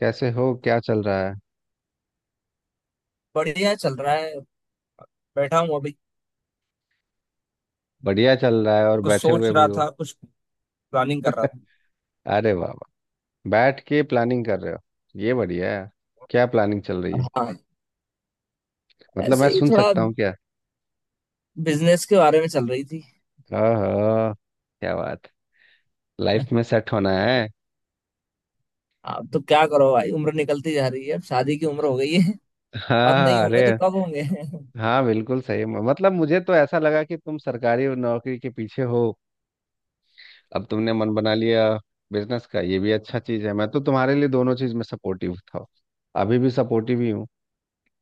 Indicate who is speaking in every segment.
Speaker 1: कैसे हो? क्या चल रहा है?
Speaker 2: बढ़िया चल रहा है। बैठा हूँ अभी।
Speaker 1: बढ़िया चल रहा है और
Speaker 2: कुछ
Speaker 1: बैठे
Speaker 2: सोच
Speaker 1: हुए भी
Speaker 2: रहा
Speaker 1: हो।
Speaker 2: था, कुछ प्लानिंग कर रहा
Speaker 1: अरे वाह वाह, बैठ के प्लानिंग कर रहे हो, ये बढ़िया है। क्या प्लानिंग चल रही
Speaker 2: था।
Speaker 1: है?
Speaker 2: हाँ,
Speaker 1: मतलब मैं
Speaker 2: ऐसे ही
Speaker 1: सुन
Speaker 2: थोड़ा
Speaker 1: सकता हूँ क्या?
Speaker 2: बिजनेस के बारे में चल रही थी।
Speaker 1: हाँ हाँ। क्या बात, लाइफ में सेट होना है।
Speaker 2: अब तो क्या करो भाई, उम्र निकलती जा रही है। अब शादी की उम्र हो गई है। अब नहीं
Speaker 1: हाँ
Speaker 2: होंगे
Speaker 1: अरे
Speaker 2: तो कब होंगे?
Speaker 1: हाँ बिल्कुल सही। मतलब मुझे तो ऐसा लगा कि तुम सरकारी नौकरी के पीछे हो, अब तुमने मन बना लिया। बिजनेस का ये भी अच्छा चीज़ है, मैं तो तुम्हारे लिए दोनों चीज़ में सपोर्टिव था, अभी भी सपोर्टिव ही हूँ।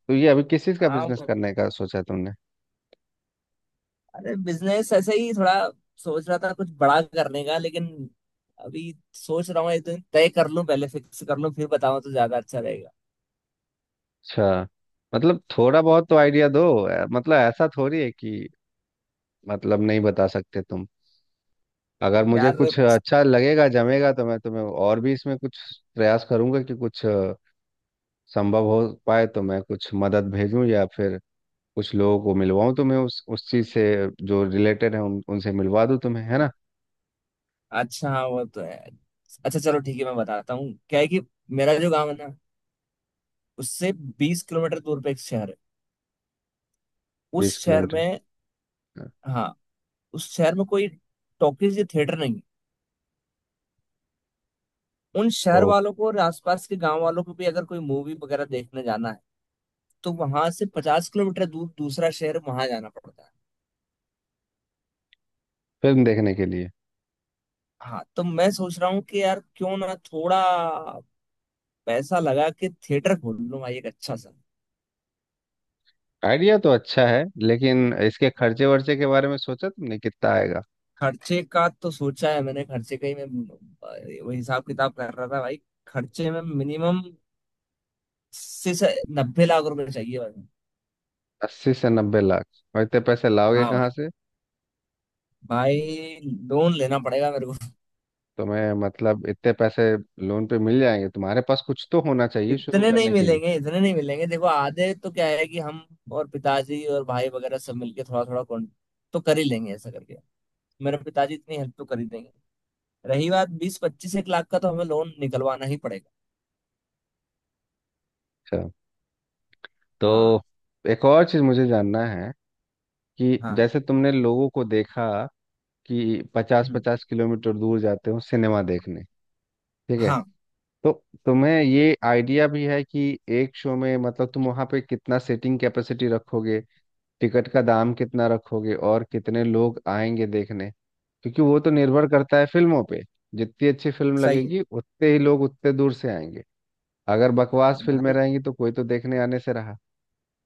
Speaker 1: तो ये अभी किस चीज़ का
Speaker 2: हाँ,
Speaker 1: बिजनेस करने का सोचा तुमने?
Speaker 2: अरे बिजनेस ऐसे ही थोड़ा सोच रहा था कुछ बड़ा करने का, लेकिन अभी सोच रहा हूँ एक दिन तय कर लूं, पहले फिक्स कर लूं, फिर बताऊं तो ज्यादा अच्छा रहेगा
Speaker 1: अच्छा, मतलब थोड़ा बहुत तो आइडिया दो। मतलब ऐसा थोड़ी है कि मतलब नहीं बता सकते तुम। अगर मुझे
Speaker 2: यार।
Speaker 1: कुछ अच्छा लगेगा, जमेगा, तो मैं तुम्हें और भी इसमें कुछ प्रयास करूंगा कि कुछ संभव हो पाए तो मैं कुछ मदद भेजूं या फिर कुछ लोगों को मिलवाऊं तुम्हें। उस चीज से जो रिलेटेड है उनसे मिलवा दूं तुम्हें, है ना।
Speaker 2: अच्छा, हाँ, वो तो है। अच्छा चलो, ठीक है, मैं बताता हूँ। क्या है कि मेरा जो गाँव है ना, उससे 20 किलोमीटर दूर पे एक शहर है। उस
Speaker 1: बीस
Speaker 2: शहर
Speaker 1: किलोमीटर
Speaker 2: में,
Speaker 1: हाँ।
Speaker 2: हाँ, उस शहर में कोई टॉकीज या थिएटर नहीं है। उन
Speaker 1: ओ,
Speaker 2: शहर वालों को और आसपास के गांव वालों को भी अगर कोई मूवी वगैरह देखने जाना है, तो वहां से 50 किलोमीटर दूर दूसरा शहर, वहां जाना पड़ता है।
Speaker 1: फिल्म देखने के लिए।
Speaker 2: हाँ, तो मैं सोच रहा हूँ कि यार क्यों ना थोड़ा पैसा लगा के थिएटर खोल लूँ भाई, एक अच्छा सा।
Speaker 1: आइडिया तो अच्छा है, लेकिन इसके खर्चे वर्चे के बारे में सोचा तुमने, कितना आएगा?
Speaker 2: खर्चे का तो सोचा है मैंने। खर्चे का ही मैं वो हिसाब किताब कर रहा था भाई। खर्चे में मिनिमम से 90 लाख रुपए चाहिए भाई।
Speaker 1: 80 से 90 लाख? और इतने पैसे लाओगे
Speaker 2: हाँ
Speaker 1: कहाँ से?
Speaker 2: भाई, लोन लेना पड़ेगा मेरे को।
Speaker 1: तुम्हें मतलब इतने पैसे लोन पे मिल जाएंगे? तुम्हारे पास कुछ तो होना चाहिए शुरू
Speaker 2: इतने नहीं
Speaker 1: करने के लिए।
Speaker 2: मिलेंगे, इतने नहीं मिलेंगे। देखो, आधे तो क्या है कि हम और पिताजी और भाई वगैरह सब मिलके थोड़ा थोड़ा कौन तो कर ही लेंगे, ऐसा करके। मेरे पिताजी इतनी हेल्प तो कर ही देंगे। रही बात बीस पच्चीस एक लाख का, तो हमें लोन निकलवाना ही पड़ेगा।
Speaker 1: अच्छा।
Speaker 2: हाँ,
Speaker 1: तो एक और चीज़ मुझे जानना है कि
Speaker 2: हाँ।
Speaker 1: जैसे तुमने लोगों को देखा कि पचास
Speaker 2: हम्म,
Speaker 1: पचास किलोमीटर दूर जाते हो सिनेमा देखने, ठीक है?
Speaker 2: हाँ।
Speaker 1: तो तुम्हें ये आइडिया भी है कि एक शो में मतलब तुम वहाँ पे कितना सीटिंग कैपेसिटी रखोगे, टिकट का दाम कितना रखोगे और कितने लोग आएंगे देखने? क्योंकि वो तो निर्भर करता है फिल्मों पे। जितनी अच्छी फिल्म
Speaker 2: सही है
Speaker 1: लगेगी उतने ही लोग उतने दूर से आएंगे। अगर बकवास फिल्में
Speaker 2: भाई।
Speaker 1: रहेंगी तो कोई तो देखने आने से रहा।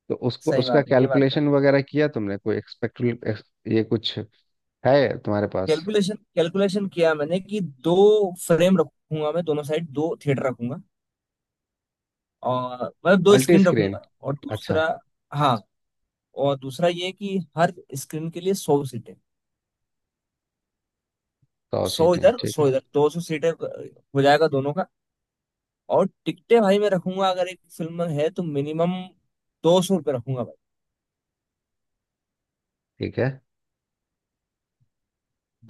Speaker 1: तो उसको,
Speaker 2: सही
Speaker 1: उसका
Speaker 2: बात है, ये बात तो है।
Speaker 1: कैलकुलेशन वगैरह किया तुमने? कोई एक्सपेक्ट, ये कुछ है तुम्हारे पास?
Speaker 2: कैलकुलेशन, कैलकुलेशन किया मैंने कि दो फ्रेम रखूंगा मैं। दोनों साइड दो थिएटर रखूंगा और मतलब दो
Speaker 1: मल्टी
Speaker 2: स्क्रीन
Speaker 1: स्क्रीन,
Speaker 2: रखूंगा, और
Speaker 1: अच्छा।
Speaker 2: दूसरा। हाँ, और दूसरा ये कि हर स्क्रीन के लिए 100 सीटें।
Speaker 1: सौ
Speaker 2: सौ
Speaker 1: सीटें
Speaker 2: इधर
Speaker 1: ठीक है।
Speaker 2: सौ इधर, 200 सीटें हो जाएगा दोनों का। और टिकटें भाई मैं रखूंगा, अगर एक फिल्म है तो मिनिमम 200 रुपये रखूंगा भाई।
Speaker 1: ठीक है।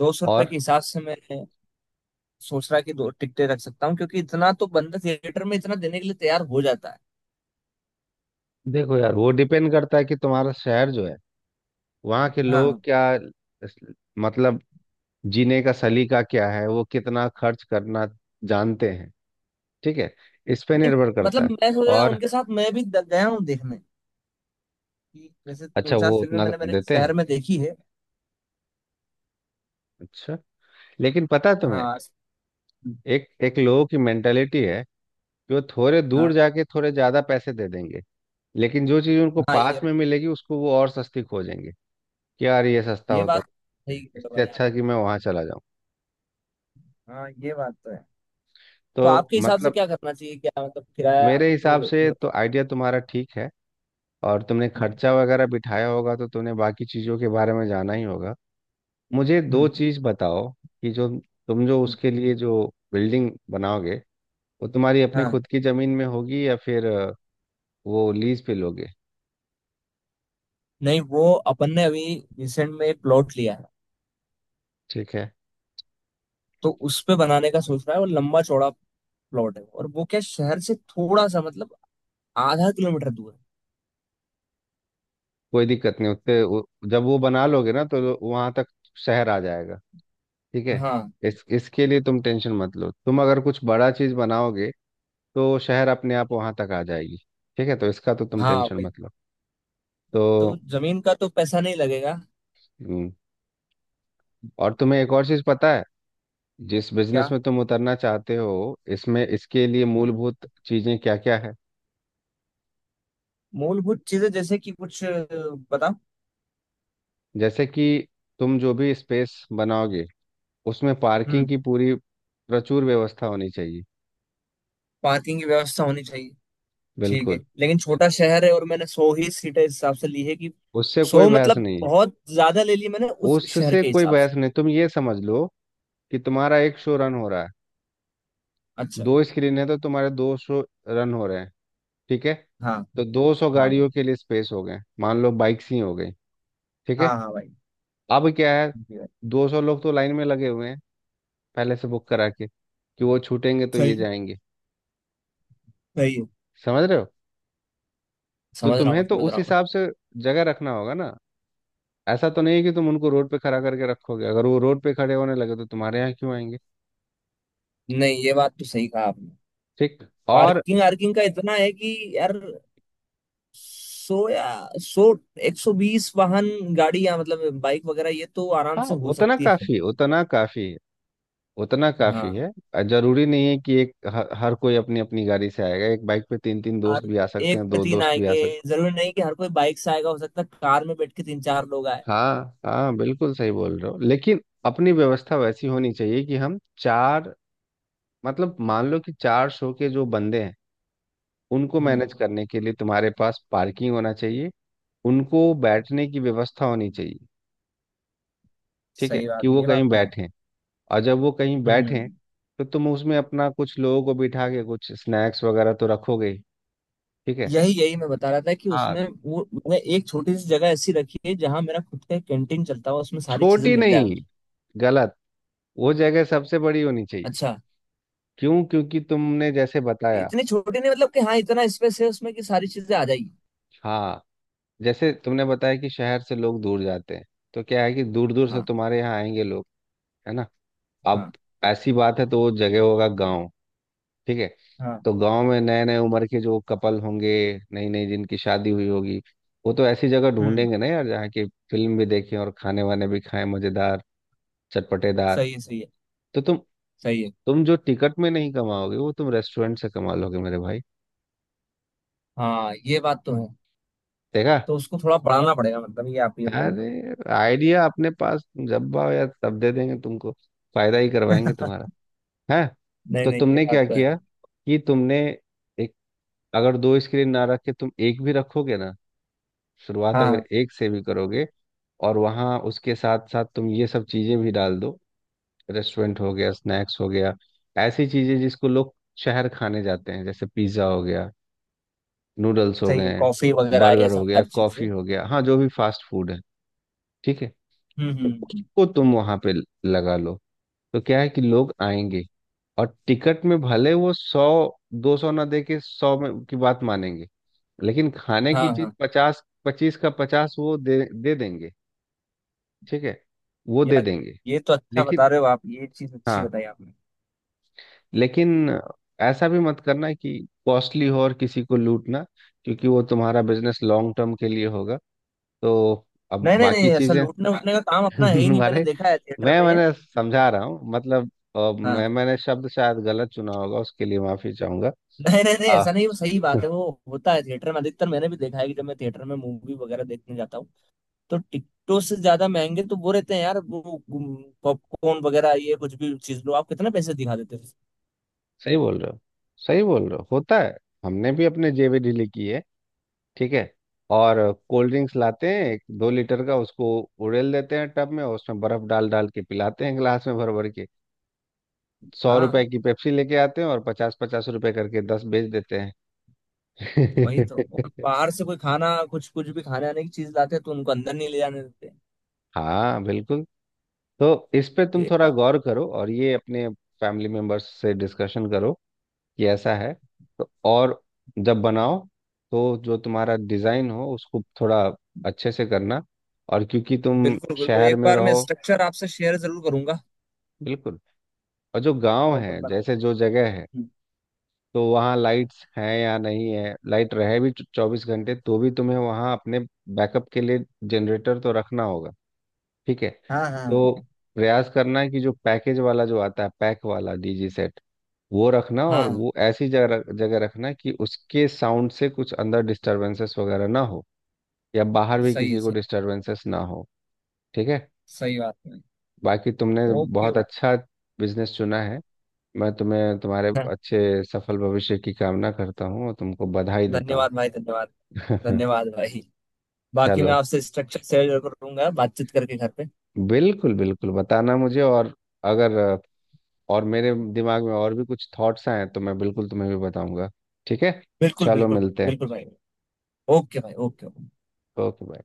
Speaker 2: 200 रुपये
Speaker 1: और
Speaker 2: के हिसाब से मैं सोच रहा कि दो टिकटें रख सकता हूँ, क्योंकि इतना तो बंदा थिएटर में इतना देने के लिए तैयार हो जाता है।
Speaker 1: देखो यार, वो डिपेंड करता है कि तुम्हारा शहर जो है वहाँ के
Speaker 2: हाँ।
Speaker 1: लोग क्या मतलब जीने का सलीका क्या है, वो कितना खर्च करना जानते हैं। ठीक है, इस पे
Speaker 2: नहीं,
Speaker 1: निर्भर
Speaker 2: मतलब
Speaker 1: करता है।
Speaker 2: मैं सोच रहा हूँ
Speaker 1: और
Speaker 2: उनके साथ मैं भी गया हूँ देखने कि जैसे दो
Speaker 1: अच्छा,
Speaker 2: चार
Speaker 1: वो
Speaker 2: फिल्में
Speaker 1: उतना
Speaker 2: मैंने मेरे
Speaker 1: देते हैं?
Speaker 2: शहर में देखी है।
Speaker 1: अच्छा। लेकिन पता है तुम्हें,
Speaker 2: हाँ,
Speaker 1: एक एक लोगों की मेंटेलिटी है कि वो थोड़े दूर
Speaker 2: हाँ,
Speaker 1: जाके थोड़े ज्यादा पैसे दे देंगे, लेकिन जो चीज उनको
Speaker 2: हाँ।
Speaker 1: पास
Speaker 2: ये
Speaker 1: में मिलेगी उसको वो और सस्ती खोजेंगे कि यार ये सस्ता
Speaker 2: ये
Speaker 1: होता
Speaker 2: बात
Speaker 1: तो
Speaker 2: सही
Speaker 1: है,
Speaker 2: कह रहे हो
Speaker 1: इससे
Speaker 2: भाई आप।
Speaker 1: अच्छा कि मैं वहां चला जाऊं।
Speaker 2: हाँ, ये बात तो है। तो
Speaker 1: तो
Speaker 2: आपके हिसाब से
Speaker 1: मतलब
Speaker 2: क्या करना चाहिए? क्या मतलब, किराया
Speaker 1: मेरे
Speaker 2: वो।
Speaker 1: हिसाब से तो आइडिया तुम्हारा ठीक है, और तुमने खर्चा वगैरह बिठाया होगा तो तुमने बाकी चीजों के बारे में जाना ही होगा। मुझे दो
Speaker 2: हम्म,
Speaker 1: चीज बताओ कि जो तुम, जो
Speaker 2: हम्म।
Speaker 1: उसके लिए जो बिल्डिंग बनाओगे वो तुम्हारी अपनी
Speaker 2: हाँ।
Speaker 1: खुद की जमीन में होगी या फिर वो लीज पे लोगे?
Speaker 2: नहीं, वो अपन ने अभी रिसेंट में एक प्लॉट लिया है।
Speaker 1: ठीक है,
Speaker 2: तो उस पे बनाने का सोच रहा है। वो लंबा चौड़ा प्लॉट है और वो क्या, शहर से थोड़ा सा मतलब आधा किलोमीटर दूर
Speaker 1: कोई दिक्कत नहीं। उतने जब वो बना लोगे ना तो वहां तक शहर आ जाएगा। ठीक
Speaker 2: है।
Speaker 1: है,
Speaker 2: हाँ,
Speaker 1: इस इसके लिए तुम टेंशन मत लो। तुम अगर कुछ बड़ा चीज बनाओगे तो शहर अपने आप वहां तक आ जाएगी। ठीक है, तो इसका तो तुम
Speaker 2: हाँ,
Speaker 1: टेंशन
Speaker 2: वही
Speaker 1: मत लो।
Speaker 2: तो।
Speaker 1: तो
Speaker 2: जमीन का तो पैसा नहीं लगेगा।
Speaker 1: हम्म, और तुम्हें एक और चीज पता है, जिस बिजनेस
Speaker 2: क्या?
Speaker 1: में तुम उतरना चाहते हो इसमें, इसके लिए
Speaker 2: हाँ,
Speaker 1: मूलभूत चीजें क्या क्या है?
Speaker 2: मूलभूत चीजें जैसे कि कुछ बताओ।
Speaker 1: जैसे कि तुम जो भी स्पेस बनाओगे उसमें पार्किंग
Speaker 2: हम्म।
Speaker 1: की पूरी प्रचुर व्यवस्था होनी चाहिए।
Speaker 2: पार्किंग की व्यवस्था होनी चाहिए, ठीक है,
Speaker 1: बिल्कुल।
Speaker 2: लेकिन छोटा शहर है और मैंने सौ ही सीटें इस हिसाब से ली है कि
Speaker 1: उससे कोई
Speaker 2: सौ
Speaker 1: बहस
Speaker 2: मतलब
Speaker 1: नहीं।
Speaker 2: बहुत ज्यादा ले ली मैंने उस शहर
Speaker 1: उससे
Speaker 2: के
Speaker 1: कोई
Speaker 2: हिसाब से।
Speaker 1: बहस नहीं, तुम ये समझ लो कि तुम्हारा एक शो रन हो रहा है,
Speaker 2: अच्छा।
Speaker 1: दो स्क्रीन है तो तुम्हारे दो शो रन हो रहे हैं। ठीक है,
Speaker 2: हाँ,
Speaker 1: तो 200
Speaker 2: हाँ भाई।
Speaker 1: गाड़ियों के लिए स्पेस हो गए, मान लो बाइक्स ही हो गई। ठीक है,
Speaker 2: हाँ, हाँ भाई।
Speaker 1: अब क्या है,
Speaker 2: जी भाई।
Speaker 1: 200 लोग तो लाइन में लगे हुए हैं पहले से बुक करा के, कि वो छूटेंगे तो ये
Speaker 2: सही,
Speaker 1: जाएंगे।
Speaker 2: सही है।
Speaker 1: समझ रहे हो? तो
Speaker 2: समझ रहा हूँ,
Speaker 1: तुम्हें तो
Speaker 2: समझ
Speaker 1: उस
Speaker 2: रहा हूँ।
Speaker 1: हिसाब से जगह रखना होगा ना। ऐसा तो नहीं है कि तुम उनको रोड पे खड़ा करके रखोगे, अगर वो रोड पे खड़े होने लगे तो तुम्हारे यहाँ क्यों आएंगे?
Speaker 2: मैं। नहीं, ये बात तो सही कहा आपने।
Speaker 1: ठीक। और
Speaker 2: पार्किंग आर्किंग का इतना है कि यार, सो या सो 120 वाहन, गाड़ी या मतलब बाइक वगैरह, ये तो आराम
Speaker 1: हाँ
Speaker 2: से हो
Speaker 1: उतना
Speaker 2: सकती है।
Speaker 1: काफी है, उतना काफी है, उतना काफी
Speaker 2: हाँ,
Speaker 1: है। जरूरी नहीं है कि हर कोई अपनी अपनी गाड़ी से आएगा। एक बाइक पे तीन तीन दोस्त
Speaker 2: और
Speaker 1: भी आ सकते
Speaker 2: एक
Speaker 1: हैं,
Speaker 2: पे
Speaker 1: दो
Speaker 2: तीन
Speaker 1: दोस्त भी आ
Speaker 2: आएंगे।
Speaker 1: सकते
Speaker 2: जरूरी नहीं कि हर कोई बाइक से आएगा, हो सकता है कार में बैठ के तीन चार लोग आए।
Speaker 1: हैं। हाँ हाँ बिल्कुल सही बोल रहे हो, लेकिन अपनी व्यवस्था वैसी होनी चाहिए कि हम चार, मतलब मान लो कि 400 के जो बंदे हैं उनको
Speaker 2: हम्म,
Speaker 1: मैनेज करने के लिए तुम्हारे पास पार्किंग होना चाहिए, उनको बैठने की व्यवस्था होनी चाहिए। ठीक है,
Speaker 2: सही
Speaker 1: कि
Speaker 2: बात है,
Speaker 1: वो
Speaker 2: ये बात
Speaker 1: कहीं
Speaker 2: तो है।
Speaker 1: बैठें, और जब वो कहीं बैठें
Speaker 2: हम्म।
Speaker 1: तो तुम उसमें अपना कुछ लोगों को बिठा के कुछ स्नैक्स वगैरह तो रखोगे ही, ठीक है।
Speaker 2: यही, यही मैं बता रहा था कि
Speaker 1: हाँ,
Speaker 2: उसमें वो मैं एक छोटी सी जगह ऐसी रखी है जहां मेरा खुद का कैंटीन चलता हुआ, उसमें सारी चीजें
Speaker 1: छोटी
Speaker 2: मिल जाए
Speaker 1: नहीं,
Speaker 2: मुझे।
Speaker 1: गलत, वो जगह सबसे बड़ी होनी चाहिए।
Speaker 2: अच्छा,
Speaker 1: क्यों? क्योंकि तुमने जैसे बताया,
Speaker 2: इतनी छोटी नहीं, मतलब कि हाँ, इतना स्पेस है उसमें कि सारी चीजें आ जाएगी।
Speaker 1: हाँ, जैसे तुमने बताया कि शहर से लोग दूर जाते हैं, तो क्या है कि दूर दूर से
Speaker 2: हाँ,
Speaker 1: तुम्हारे यहाँ आएंगे लोग, है ना। अब
Speaker 2: हाँ,
Speaker 1: ऐसी बात है तो वो जगह होगा गांव, ठीक है।
Speaker 2: हाँ।
Speaker 1: तो गांव में नए नए उम्र के जो कपल होंगे, नई नई जिनकी शादी हुई होगी, वो तो ऐसी जगह
Speaker 2: हम्म।
Speaker 1: ढूंढेंगे ना यार जहाँ की फिल्म भी देखें और खाने वाने भी खाएं, मजेदार, चटपटेदार।
Speaker 2: सही है, सही है,
Speaker 1: तो
Speaker 2: सही है।
Speaker 1: तुम जो टिकट में नहीं कमाओगे वो तुम रेस्टोरेंट से कमा लोगे मेरे भाई।
Speaker 2: हाँ, ये बात तो है।
Speaker 1: देखा,
Speaker 2: तो उसको थोड़ा बढ़ाना पड़ेगा, मतलब ये आप ये बोल रहे
Speaker 1: अरे आइडिया अपने पास, जब आओ यार तब दे देंगे तुमको, फायदा ही करवाएंगे तुम्हारा
Speaker 2: हो।
Speaker 1: है।
Speaker 2: नहीं,
Speaker 1: तो
Speaker 2: नहीं, ये
Speaker 1: तुमने
Speaker 2: बात
Speaker 1: क्या
Speaker 2: तो है।
Speaker 1: किया कि तुमने एक, अगर दो स्क्रीन ना रखे तुम, एक भी रखोगे ना, शुरुआत अगर
Speaker 2: हाँ,
Speaker 1: एक से भी करोगे और वहाँ उसके साथ साथ तुम ये सब चीज़ें भी डाल दो, रेस्टोरेंट हो गया, स्नैक्स हो गया, ऐसी चीज़ें जिसको लोग शहर खाने जाते हैं, जैसे पिज़्ज़ा हो गया, नूडल्स हो
Speaker 2: सही है,
Speaker 1: गए,
Speaker 2: कॉफी वगैरह ये
Speaker 1: बर्गर हो गया,
Speaker 2: सारी चीजें।
Speaker 1: कॉफ़ी हो गया, हाँ जो भी फास्ट फूड है, ठीक है,
Speaker 2: हम्म,
Speaker 1: तो उसको तुम वहाँ पे लगा लो। तो क्या है कि लोग आएंगे, और टिकट में भले वो 100, 200 ना दे के 100 में की बात मानेंगे, लेकिन खाने
Speaker 2: हाँ,
Speaker 1: की चीज
Speaker 2: हाँ,
Speaker 1: पचास पच्चीस का पचास वो दे दे देंगे। ठीक है, वो दे
Speaker 2: यार
Speaker 1: देंगे।
Speaker 2: ये तो अच्छा
Speaker 1: लेकिन
Speaker 2: बता रहे हो आप। ये चीज अच्छी
Speaker 1: हाँ
Speaker 2: बताई आपने।
Speaker 1: लेकिन ऐसा भी मत करना कि कॉस्टली हो और किसी को लूटना, क्योंकि वो तुम्हारा बिजनेस लॉन्ग टर्म के लिए होगा। तो अब
Speaker 2: नहीं, नहीं, नहीं,
Speaker 1: बाकी
Speaker 2: ऐसा
Speaker 1: चीजें,
Speaker 2: लूटने, हाँ, उटने का काम अपना है ही नहीं। मैंने
Speaker 1: तुम्हारे,
Speaker 2: देखा है थिएटर में ये।
Speaker 1: मैंने समझा रहा हूँ मतलब,
Speaker 2: हाँ,
Speaker 1: मैंने शब्द शायद गलत चुना होगा, उसके लिए माफी चाहूंगा।
Speaker 2: नहीं, नहीं, नहीं,
Speaker 1: आ,
Speaker 2: ऐसा नहीं। वो सही बात है, वो होता है थिएटर में अधिकतर। मैंने भी देखा है कि जब मैं थिएटर में मूवी वगैरह देखने जाता हूँ, तो टिकटों से ज्यादा महंगे तो वो रहते हैं यार, वो पॉपकॉर्न वगैरह। ये कुछ भी चीज लो आप, कितना पैसे दिखा देते हो।
Speaker 1: सही बोल रहे हो, सही बोल रहे हो, होता है। हमने भी अपने जेबी ढीली की है, ठीक है। और कोल्ड ड्रिंक्स लाते हैं एक दो लीटर का, उसको उड़ेल देते हैं टब में और उसमें बर्फ डाल डाल के पिलाते हैं गिलास में भर भर के। सौ
Speaker 2: हाँ,
Speaker 1: रुपए की पेप्सी लेके आते हैं और 50-50 रुपए करके 10 बेच देते हैं।
Speaker 2: वही तो। और बाहर से कोई खाना कुछ कुछ भी खाने आने की चीज लाते हैं, तो उनको अंदर नहीं ले जाने देते।
Speaker 1: हाँ बिल्कुल। तो इस पे तुम
Speaker 2: ये
Speaker 1: थोड़ा
Speaker 2: बात।
Speaker 1: गौर करो और ये अपने फैमिली मेंबर्स से डिस्कशन करो कि ऐसा है। तो और जब बनाओ तो जो तुम्हारा डिज़ाइन हो उसको थोड़ा अच्छे से करना। और क्योंकि तुम
Speaker 2: बिल्कुल, बिल्कुल,
Speaker 1: शहर
Speaker 2: एक
Speaker 1: में
Speaker 2: बार मैं
Speaker 1: रहो,
Speaker 2: स्ट्रक्चर आपसे शेयर जरूर करूंगा,
Speaker 1: बिल्कुल, और जो गांव है
Speaker 2: प्रॉपर बना के।
Speaker 1: जैसे जो जगह है,
Speaker 2: हम्म,
Speaker 1: तो वहाँ लाइट्स हैं या नहीं है, लाइट रहे भी 24 घंटे तो भी तुम्हें वहाँ अपने बैकअप के लिए जनरेटर तो रखना होगा। ठीक है,
Speaker 2: हाँ, हाँ,
Speaker 1: तो प्रयास करना है कि जो पैकेज वाला जो आता है, पैक वाला डीजी सेट, वो रखना, और
Speaker 2: हाँ,
Speaker 1: वो ऐसी जगह जगह रखना कि उसके साउंड से कुछ अंदर डिस्टरबेंसेस वगैरह ना हो या बाहर भी
Speaker 2: सही है,
Speaker 1: किसी को
Speaker 2: सही है।
Speaker 1: डिस्टरबेंसेस ना हो, ठीक है।
Speaker 2: सही बात है।
Speaker 1: बाकी तुमने
Speaker 2: ओके
Speaker 1: बहुत
Speaker 2: भाई।
Speaker 1: अच्छा बिजनेस चुना है, मैं तुम्हें तुम्हारे
Speaker 2: हाँ।
Speaker 1: अच्छे सफल भविष्य की कामना करता हूँ और तुमको बधाई देता
Speaker 2: धन्यवाद भाई, धन्यवाद,
Speaker 1: हूँ।
Speaker 2: धन्यवाद भाई। बाकी मैं
Speaker 1: चलो,
Speaker 2: आपसे स्ट्रक्चर शेयर करूंगा, बातचीत करके घर पे।
Speaker 1: बिल्कुल बिल्कुल बताना मुझे, और अगर और मेरे दिमाग में और भी कुछ थॉट्स आए तो मैं बिल्कुल तुम्हें भी बताऊंगा, ठीक है।
Speaker 2: बिल्कुल,
Speaker 1: चलो
Speaker 2: बिल्कुल,
Speaker 1: मिलते हैं।
Speaker 2: बिल्कुल भाई। ओके भाई, ओके।
Speaker 1: Okay bye.